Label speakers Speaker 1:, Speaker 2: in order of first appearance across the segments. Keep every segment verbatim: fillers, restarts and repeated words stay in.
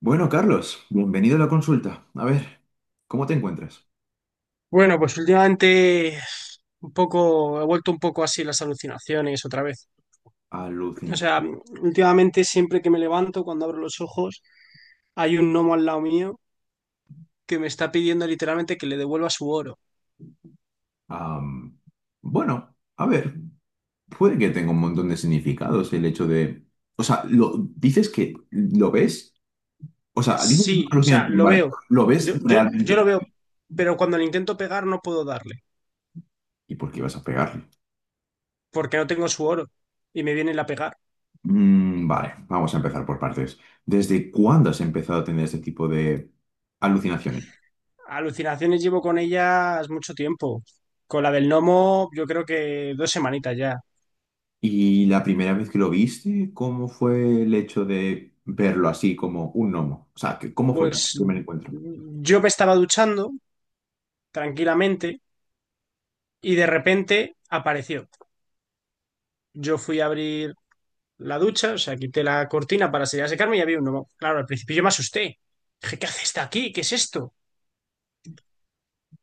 Speaker 1: Bueno, Carlos, bienvenido a la consulta. A ver, ¿cómo te encuentras?
Speaker 2: Bueno, pues últimamente un poco, he vuelto un poco así las alucinaciones otra vez. O
Speaker 1: Alucinante.
Speaker 2: sea, últimamente siempre que me levanto, cuando abro los ojos, hay un gnomo al lado mío que me está pidiendo literalmente que le devuelva su oro.
Speaker 1: Am, bueno, a ver, puede que tenga un montón de significados el hecho de... O sea, lo, dices que lo ves, o sea, dices que es una
Speaker 2: Sí, o sea,
Speaker 1: alucinación,
Speaker 2: lo
Speaker 1: vale,
Speaker 2: veo.
Speaker 1: lo ves
Speaker 2: Yo, yo, yo lo
Speaker 1: realmente.
Speaker 2: veo, pero cuando le intento pegar no puedo darle,
Speaker 1: ¿Y por qué vas a pegarle?
Speaker 2: porque no tengo su oro y me viene la pegar.
Speaker 1: Mm, vale, vamos a empezar por partes. ¿Desde cuándo has empezado a tener este tipo de alucinaciones?
Speaker 2: Alucinaciones llevo con ellas mucho tiempo. Con la del gnomo, yo creo que dos semanitas ya.
Speaker 1: ¿Y la primera vez que lo viste, cómo fue el hecho de verlo así como un gnomo? O sea, que- ¿cómo fue el
Speaker 2: Pues
Speaker 1: primer encuentro?
Speaker 2: yo me estaba duchando. tranquilamente y de repente apareció. Yo fui a abrir la ducha, o sea, quité la cortina para salir a secarme y había un gnomo. Claro, al principio yo me asusté. Dije, ¿qué hace esta aquí? ¿Qué es esto?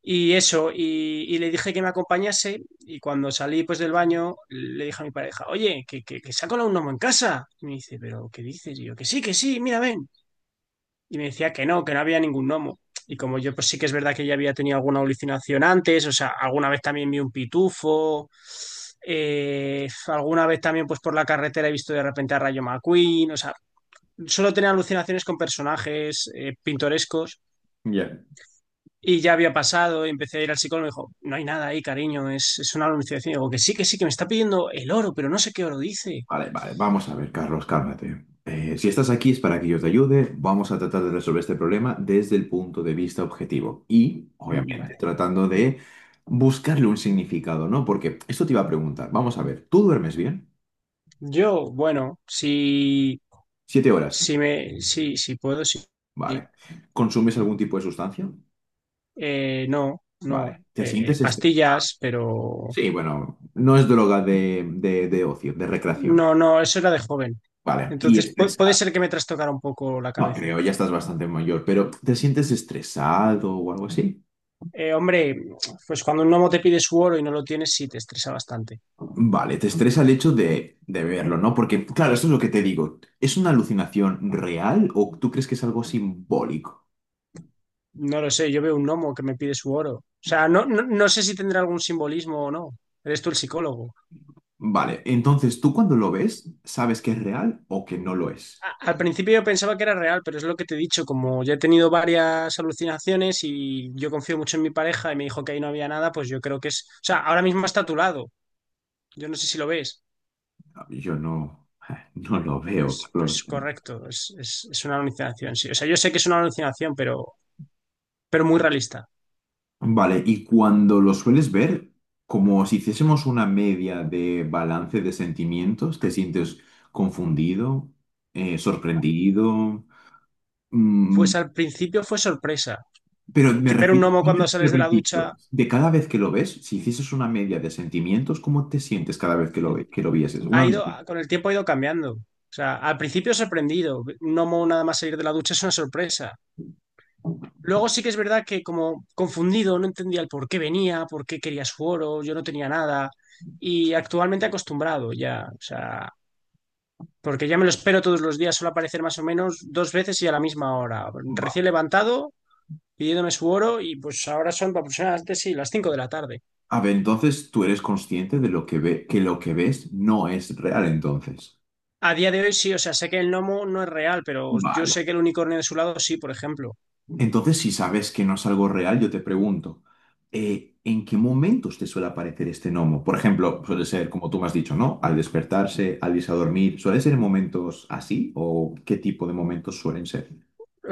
Speaker 2: Y eso, y, y le dije que me acompañase y cuando salí pues del baño le dije a mi pareja, oye, que, que, que se ha colado un gnomo en casa. Y me dice, pero ¿qué dices? Y yo, que sí, que sí, mira, ven. Y me decía que no, que no había ningún gnomo. Y como yo, pues sí que es verdad que ya había tenido alguna alucinación antes, o sea, alguna vez también vi un pitufo, eh, alguna vez también, pues por la carretera he visto de repente a Rayo McQueen, o sea, solo tenía alucinaciones con personajes eh, pintorescos.
Speaker 1: Ya.
Speaker 2: Y ya había pasado, y empecé a ir al psicólogo y me dijo, no hay nada ahí, cariño, es, es una alucinación. Y digo, que sí, que sí, que me está pidiendo el oro, pero no sé qué oro dice.
Speaker 1: Vale, vale, vamos a ver, Carlos, cálmate. Eh, si estás aquí es para que yo te ayude. Vamos a tratar de resolver este problema desde el punto de vista objetivo y,
Speaker 2: Mm,
Speaker 1: obviamente,
Speaker 2: vale.
Speaker 1: tratando de buscarle un significado, ¿no? Porque esto te iba a preguntar. Vamos a ver, ¿tú duermes bien?
Speaker 2: Yo, bueno, si,
Speaker 1: Siete horas.
Speaker 2: si me, sí, si puedo, sí.
Speaker 1: Vale. ¿Consumes algún tipo de sustancia?
Speaker 2: Eh, no, no.
Speaker 1: Vale. ¿Te
Speaker 2: Eh, eh,
Speaker 1: sientes estresado?
Speaker 2: pastillas, pero
Speaker 1: Sí, bueno, no es droga de, de- de ocio, de recreación.
Speaker 2: no, no, eso era de joven.
Speaker 1: Vale. Y
Speaker 2: Entonces pu- puede
Speaker 1: estresado.
Speaker 2: ser que me trastocara un poco la
Speaker 1: No
Speaker 2: cabeza.
Speaker 1: creo, ya estás bastante mayor, pero ¿te sientes estresado o algo así?
Speaker 2: Eh, hombre, pues cuando un gnomo te pide su oro y no lo tienes, sí te estresa bastante.
Speaker 1: Vale, te estresa el hecho de, de verlo, ¿no? Porque, claro, eso es lo que te digo. ¿Es una alucinación real o tú crees que es algo simbólico?
Speaker 2: No lo sé, yo veo un gnomo que me pide su oro. O sea, no, no, no sé si tendrá algún simbolismo o no. Eres tú el psicólogo.
Speaker 1: Vale, entonces tú cuando lo ves, ¿sabes que es real o que no lo es?
Speaker 2: A- al principio yo pensaba que era real, pero es lo que te he dicho, como ya he tenido varias alucinaciones y yo confío mucho en mi pareja y me dijo que ahí no había nada, pues yo creo que es... O sea, ahora mismo está a tu lado. Yo no sé si lo ves.
Speaker 1: No, yo no, no lo veo,
Speaker 2: Pues, pues
Speaker 1: Carlos.
Speaker 2: correcto, es, es- es una alucinación, sí. O sea, yo sé que es una alucinación, pero, pero muy realista.
Speaker 1: Vale, y cuando lo sueles ver, como si hiciésemos una media de balance de sentimientos, te sientes confundido, eh, sorprendido, mm,
Speaker 2: Pues al principio fue sorpresa.
Speaker 1: pero me
Speaker 2: Que ver un
Speaker 1: refiero,
Speaker 2: gnomo
Speaker 1: no me
Speaker 2: cuando
Speaker 1: refiero
Speaker 2: sales
Speaker 1: al
Speaker 2: de la ducha
Speaker 1: principio, de cada vez que lo ves, si hicieses una media de sentimientos, ¿cómo te sientes cada vez que lo, ve- que lo vieses?
Speaker 2: ha
Speaker 1: Una
Speaker 2: ido,
Speaker 1: media.
Speaker 2: con el tiempo ha ido cambiando. O sea, al principio sorprendido. Un gnomo nada más salir de la ducha es una sorpresa. Luego sí que es verdad que como confundido, no entendía el por qué venía, por qué quería su oro, yo no tenía nada. Y actualmente acostumbrado ya. O sea, porque ya me lo espero todos los días, suele aparecer más o menos dos veces y a la misma hora.
Speaker 1: Va.
Speaker 2: Recién levantado, pidiéndome su oro y pues ahora son aproximadamente sí, las cinco de la tarde.
Speaker 1: A ver, entonces tú eres consciente de lo que ve, que lo que ves no es real, entonces.
Speaker 2: A día de hoy sí, o sea, sé que el gnomo no es real, pero yo
Speaker 1: Vale.
Speaker 2: sé que el unicornio de su lado sí, por ejemplo.
Speaker 1: Entonces, si sabes que no es algo real, yo te pregunto, eh, ¿en qué momentos te suele aparecer este gnomo? Por ejemplo, suele ser, como tú me has dicho, ¿no? Al despertarse, al irse a dormir, ¿suele ser en momentos así? ¿O qué tipo de momentos suelen ser?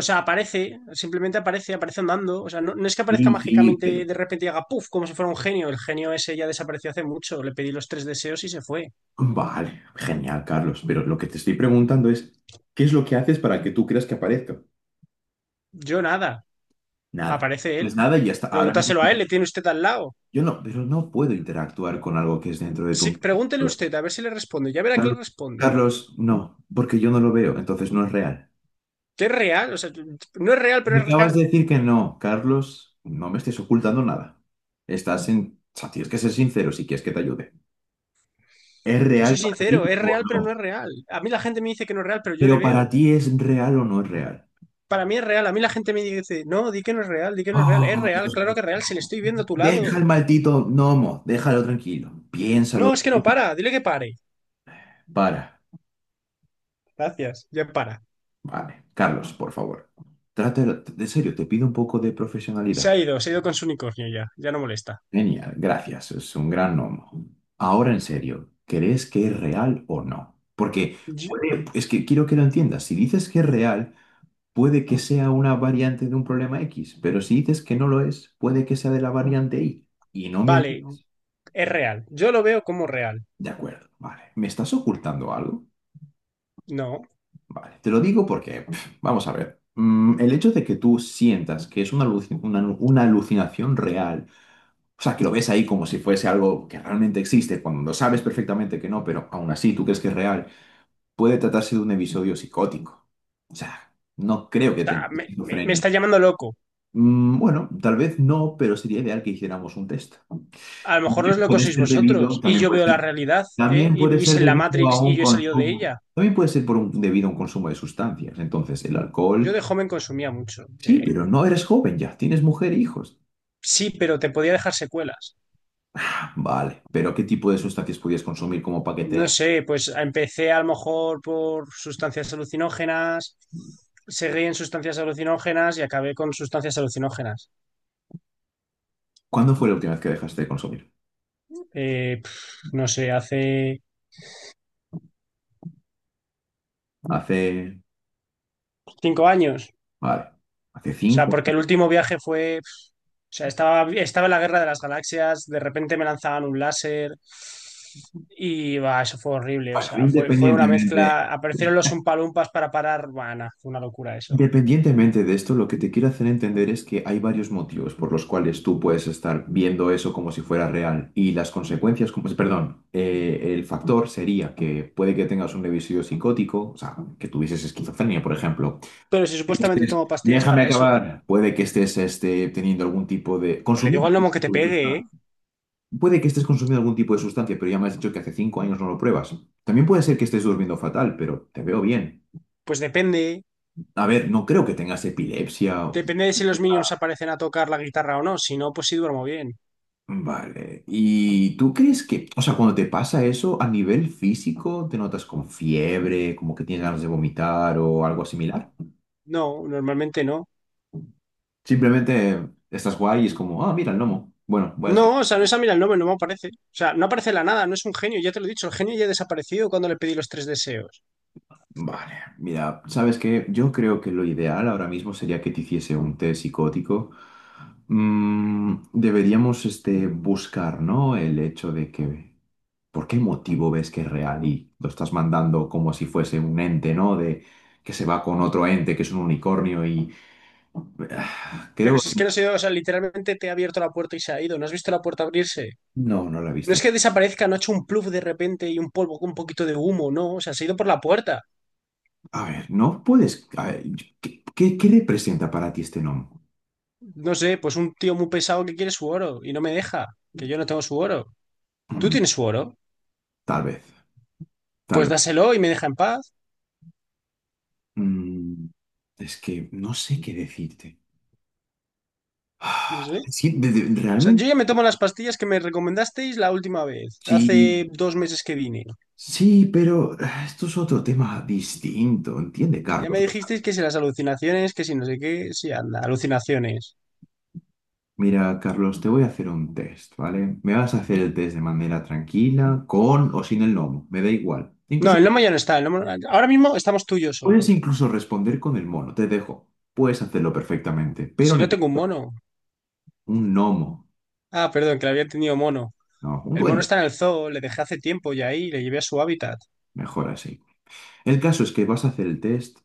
Speaker 2: O sea, aparece, simplemente aparece, aparece andando. O sea, no, no es que aparezca
Speaker 1: Sí, sí,
Speaker 2: mágicamente
Speaker 1: pero...
Speaker 2: de repente y haga puff, como si fuera un genio. El genio ese ya desapareció hace mucho. Le pedí los tres deseos y se fue.
Speaker 1: Vale, genial, Carlos, pero lo que te estoy preguntando es, ¿qué es lo que haces para que tú creas que aparezca?
Speaker 2: Yo nada.
Speaker 1: Nada.
Speaker 2: Aparece
Speaker 1: Es
Speaker 2: él.
Speaker 1: nada y hasta ahora mismo.
Speaker 2: Pregúntaselo a
Speaker 1: No.
Speaker 2: él, le tiene usted al lado.
Speaker 1: Yo no, pero no puedo interactuar con algo que es dentro de tu
Speaker 2: Sí,
Speaker 1: mente.
Speaker 2: pregúntele usted, a ver si le responde. Ya verá que
Speaker 1: Carlos,
Speaker 2: le responde.
Speaker 1: Carlos, no, porque yo no lo veo, entonces no es real.
Speaker 2: Que es real, o sea, no es real, pero
Speaker 1: Me
Speaker 2: es
Speaker 1: acabas
Speaker 2: real.
Speaker 1: de decir que no, Carlos, no me estés ocultando nada. Estás en... o sea, tienes que ser sincero si quieres que te ayude. ¿Es
Speaker 2: Yo
Speaker 1: real
Speaker 2: soy
Speaker 1: para
Speaker 2: sincero,
Speaker 1: ti
Speaker 2: es
Speaker 1: o
Speaker 2: real, pero no
Speaker 1: no?
Speaker 2: es real. A mí la gente me dice que no es real, pero yo le
Speaker 1: Pero para
Speaker 2: veo.
Speaker 1: ti, ¿es real o no es real?
Speaker 2: Para mí es real, a mí la gente me dice, no, di que no es real, di que no es real. Es
Speaker 1: Oh,
Speaker 2: real,
Speaker 1: Dios
Speaker 2: claro
Speaker 1: mío.
Speaker 2: que es real, si le
Speaker 1: No.
Speaker 2: estoy viendo a tu
Speaker 1: Deja
Speaker 2: lado.
Speaker 1: el maldito gnomo, déjalo tranquilo. Piénsalo.
Speaker 2: No, es que no para, dile que pare.
Speaker 1: Para.
Speaker 2: Gracias, ya para.
Speaker 1: Vale. Carlos, por favor. Trátalo de serio, te pido un poco de
Speaker 2: Se
Speaker 1: profesionalidad.
Speaker 2: ha ido, se ha ido con su unicornio ya, ya no molesta.
Speaker 1: Genial, gracias, es un gran nombre. Ahora en serio, ¿crees que es real o no? Porque
Speaker 2: Yo...
Speaker 1: puede- es que quiero que lo entiendas, si dices que es real, puede que sea una variante de un problema X, pero si dices que no lo es, puede que sea de la variante Y. Y no me
Speaker 2: vale,
Speaker 1: ayudes.
Speaker 2: es real. Yo lo veo como real.
Speaker 1: De acuerdo, vale. ¿Me estás ocultando algo?
Speaker 2: No, o
Speaker 1: Vale, te lo digo porque, pf, vamos a ver, mm, el hecho de que tú sientas que es una, aluci- una una alucinación real, o sea, que lo ves ahí como si fuese algo que realmente existe, cuando lo sabes perfectamente que no, pero aún así tú crees que es real, puede tratarse de un episodio psicótico. O sea, no creo que tenga
Speaker 2: sea, me, me- me
Speaker 1: esquizofrenia.
Speaker 2: está llamando loco.
Speaker 1: Mm, Bueno, tal vez no, pero sería ideal que hiciéramos un test.
Speaker 2: A lo mejor no es
Speaker 1: Y
Speaker 2: lo que
Speaker 1: puede
Speaker 2: sois
Speaker 1: ser debido,
Speaker 2: vosotros y
Speaker 1: también
Speaker 2: yo
Speaker 1: puede
Speaker 2: veo
Speaker 1: ser,
Speaker 2: la realidad, ¿eh?
Speaker 1: también
Speaker 2: Y
Speaker 1: puede
Speaker 2: vivís
Speaker 1: ser
Speaker 2: en la
Speaker 1: debido a
Speaker 2: Matrix y
Speaker 1: un
Speaker 2: yo he salido de
Speaker 1: consumo.
Speaker 2: ella.
Speaker 1: También puede ser por un, debido a un consumo de sustancias. Entonces, el
Speaker 2: Yo de
Speaker 1: alcohol,
Speaker 2: joven consumía mucho.
Speaker 1: sí,
Speaker 2: Eh,
Speaker 1: pero no eres joven ya, tienes mujer e hijos.
Speaker 2: sí, pero te podía dejar secuelas.
Speaker 1: Ah, Vale, pero ¿qué tipo de sustancias podías consumir como
Speaker 2: No
Speaker 1: paquete?
Speaker 2: sé, pues empecé a lo mejor por sustancias alucinógenas, seguí en sustancias alucinógenas y acabé con sustancias alucinógenas.
Speaker 1: ¿Cuándo fue la última vez que dejaste de consumir?
Speaker 2: Eh, pf, no sé, hace
Speaker 1: Hace,
Speaker 2: cinco años.
Speaker 1: vale, hace
Speaker 2: O sea,
Speaker 1: cinco.
Speaker 2: porque el último viaje fue... O sea, estaba, estaba en la Guerra de las Galaxias, de repente me lanzaban un láser y va, eso fue horrible. O
Speaker 1: Bueno,
Speaker 2: sea, fue, fue una
Speaker 1: independientemente,
Speaker 2: mezcla. Aparecieron los umpalumpas para parar. Bueno, fue una locura eso.
Speaker 1: independientemente de esto, lo que te quiero hacer entender es que hay varios motivos por los cuales tú puedes estar viendo eso como si fuera real y las consecuencias, como, si, perdón, eh, el factor sería que puede que tengas un episodio psicótico, o sea, que tuvieses esquizofrenia, por ejemplo.
Speaker 2: Pero si
Speaker 1: Que
Speaker 2: supuestamente
Speaker 1: estés-
Speaker 2: tomo pastillas
Speaker 1: déjame
Speaker 2: para eso,
Speaker 1: acabar. Puede que estés este, teniendo algún tipo de...
Speaker 2: que le digo
Speaker 1: consumiendo.
Speaker 2: al gnomo que te pegue, ¿eh?
Speaker 1: Puede que estés consumiendo algún tipo de sustancia, pero ya me has dicho que hace cinco años no lo pruebas. También puede ser que estés durmiendo fatal, pero te veo bien.
Speaker 2: Pues depende.
Speaker 1: A ver, no creo que tengas epilepsia. o-
Speaker 2: Depende de si los minions aparecen a tocar la guitarra o no. Si no, pues sí duermo bien.
Speaker 1: Vale. ¿Y tú crees que, o sea, cuando te pasa eso, a nivel físico, te notas con fiebre, como que tienes ganas de vomitar o algo similar?
Speaker 2: No, normalmente no.
Speaker 1: Simplemente estás guay y es como, ah, mira el gnomo. Bueno, voy a...
Speaker 2: No, o sea, no es a mí el nombre, no me aparece. O sea, no aparece de la nada, no es un genio, ya te lo he dicho, el genio ya ha desaparecido cuando le pedí los tres deseos.
Speaker 1: Vale, mira, ¿sabes qué? Yo creo que lo ideal ahora mismo sería que te hiciese un test psicótico. Mm, deberíamos este, buscar, ¿no? El hecho de que, ¿por qué motivo ves que es real y lo estás mandando como si fuese un ente, ¿no? De que se va con otro ente, que es un unicornio y... ah,
Speaker 2: Pero
Speaker 1: creo...
Speaker 2: si es que no se ha ido, o sea, literalmente te ha abierto la puerta y se ha ido. ¿No has visto la puerta abrirse?
Speaker 1: No, no lo he
Speaker 2: No
Speaker 1: visto.
Speaker 2: es que desaparezca, no ha hecho un pluf de repente y un polvo con un poquito de humo, no. O sea, se ha ido por la puerta.
Speaker 1: A ver, no puedes... a ver, ¿qué, qué- ¿qué representa para ti este nombre?
Speaker 2: No sé, pues un tío muy pesado que quiere su oro y no me deja, que yo no tengo su oro. ¿Tú
Speaker 1: Mm,
Speaker 2: tienes su oro?
Speaker 1: tal vez, tal
Speaker 2: Pues
Speaker 1: vez.
Speaker 2: dáselo y me deja en paz.
Speaker 1: Mm, es que no sé qué decirte.
Speaker 2: No
Speaker 1: Ah,
Speaker 2: sé.
Speaker 1: Sí, de- de-
Speaker 2: O sea, yo
Speaker 1: realmente
Speaker 2: ya me tomo las pastillas que me recomendasteis la última vez,
Speaker 1: sí,
Speaker 2: hace dos meses que vine.
Speaker 1: sí, pero ah, esto es otro tema distinto, ¿entiende,
Speaker 2: Que ya me
Speaker 1: Carlos?
Speaker 2: dijisteis que si las alucinaciones, que si no sé qué, si anda, alucinaciones.
Speaker 1: Mira, Carlos, te voy a hacer un test, ¿vale? Me vas a hacer el test de manera tranquila, con o sin el gnomo, me da igual.
Speaker 2: No,
Speaker 1: Incluso
Speaker 2: el lomo ya no está. el lomo- Ahora mismo estamos tú y yo
Speaker 1: puedes
Speaker 2: solos.
Speaker 1: incluso responder con el mono, te dejo. Puedes hacerlo perfectamente, pero
Speaker 2: Si no tengo un
Speaker 1: necesito
Speaker 2: mono.
Speaker 1: un gnomo,
Speaker 2: Ah, perdón, que le había tenido mono.
Speaker 1: no, un
Speaker 2: El mono
Speaker 1: duende,
Speaker 2: está en el zoo, le dejé hace tiempo ya ahí, le llevé a su hábitat.
Speaker 1: mejor así. El caso es que vas a hacer el test,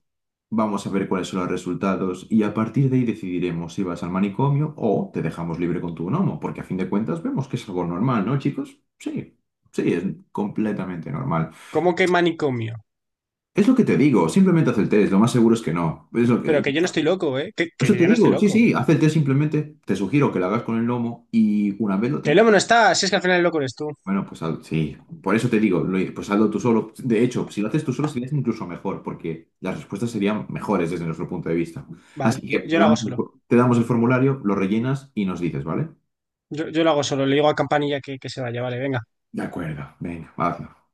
Speaker 1: vamos a ver cuáles son los resultados y a partir de ahí decidiremos si vas al manicomio o te dejamos libre con tu gnomo, porque a fin de cuentas vemos que es algo normal, ¿no, chicos? Sí, sí, es completamente normal.
Speaker 2: ¿Cómo que manicomio?
Speaker 1: Es lo que te digo, simplemente haz el test, lo más seguro es que no. Es lo
Speaker 2: Pero
Speaker 1: que...
Speaker 2: que yo no estoy loco, ¿eh? Que, que
Speaker 1: Eso te
Speaker 2: yo no estoy
Speaker 1: digo, sí,
Speaker 2: loco.
Speaker 1: sí, haz el test simplemente, te sugiero que lo hagas con el gnomo y una vez lo
Speaker 2: Que el
Speaker 1: tengas...
Speaker 2: lobo no está, si es que al final el loco eres tú.
Speaker 1: Bueno, pues haz- sí, por eso te digo, lo- pues hazlo tú solo. De hecho, si lo haces tú solo sería incluso mejor, porque las respuestas serían mejores desde nuestro punto de vista.
Speaker 2: Vale,
Speaker 1: Así que
Speaker 2: yo,
Speaker 1: te
Speaker 2: yo lo hago
Speaker 1: damos, el-
Speaker 2: solo.
Speaker 1: te damos el formulario, lo rellenas y nos dices, ¿vale?
Speaker 2: Yo, yo lo hago solo, le digo a Campanilla que, que se vaya, vale, venga.
Speaker 1: De acuerdo. Venga, va.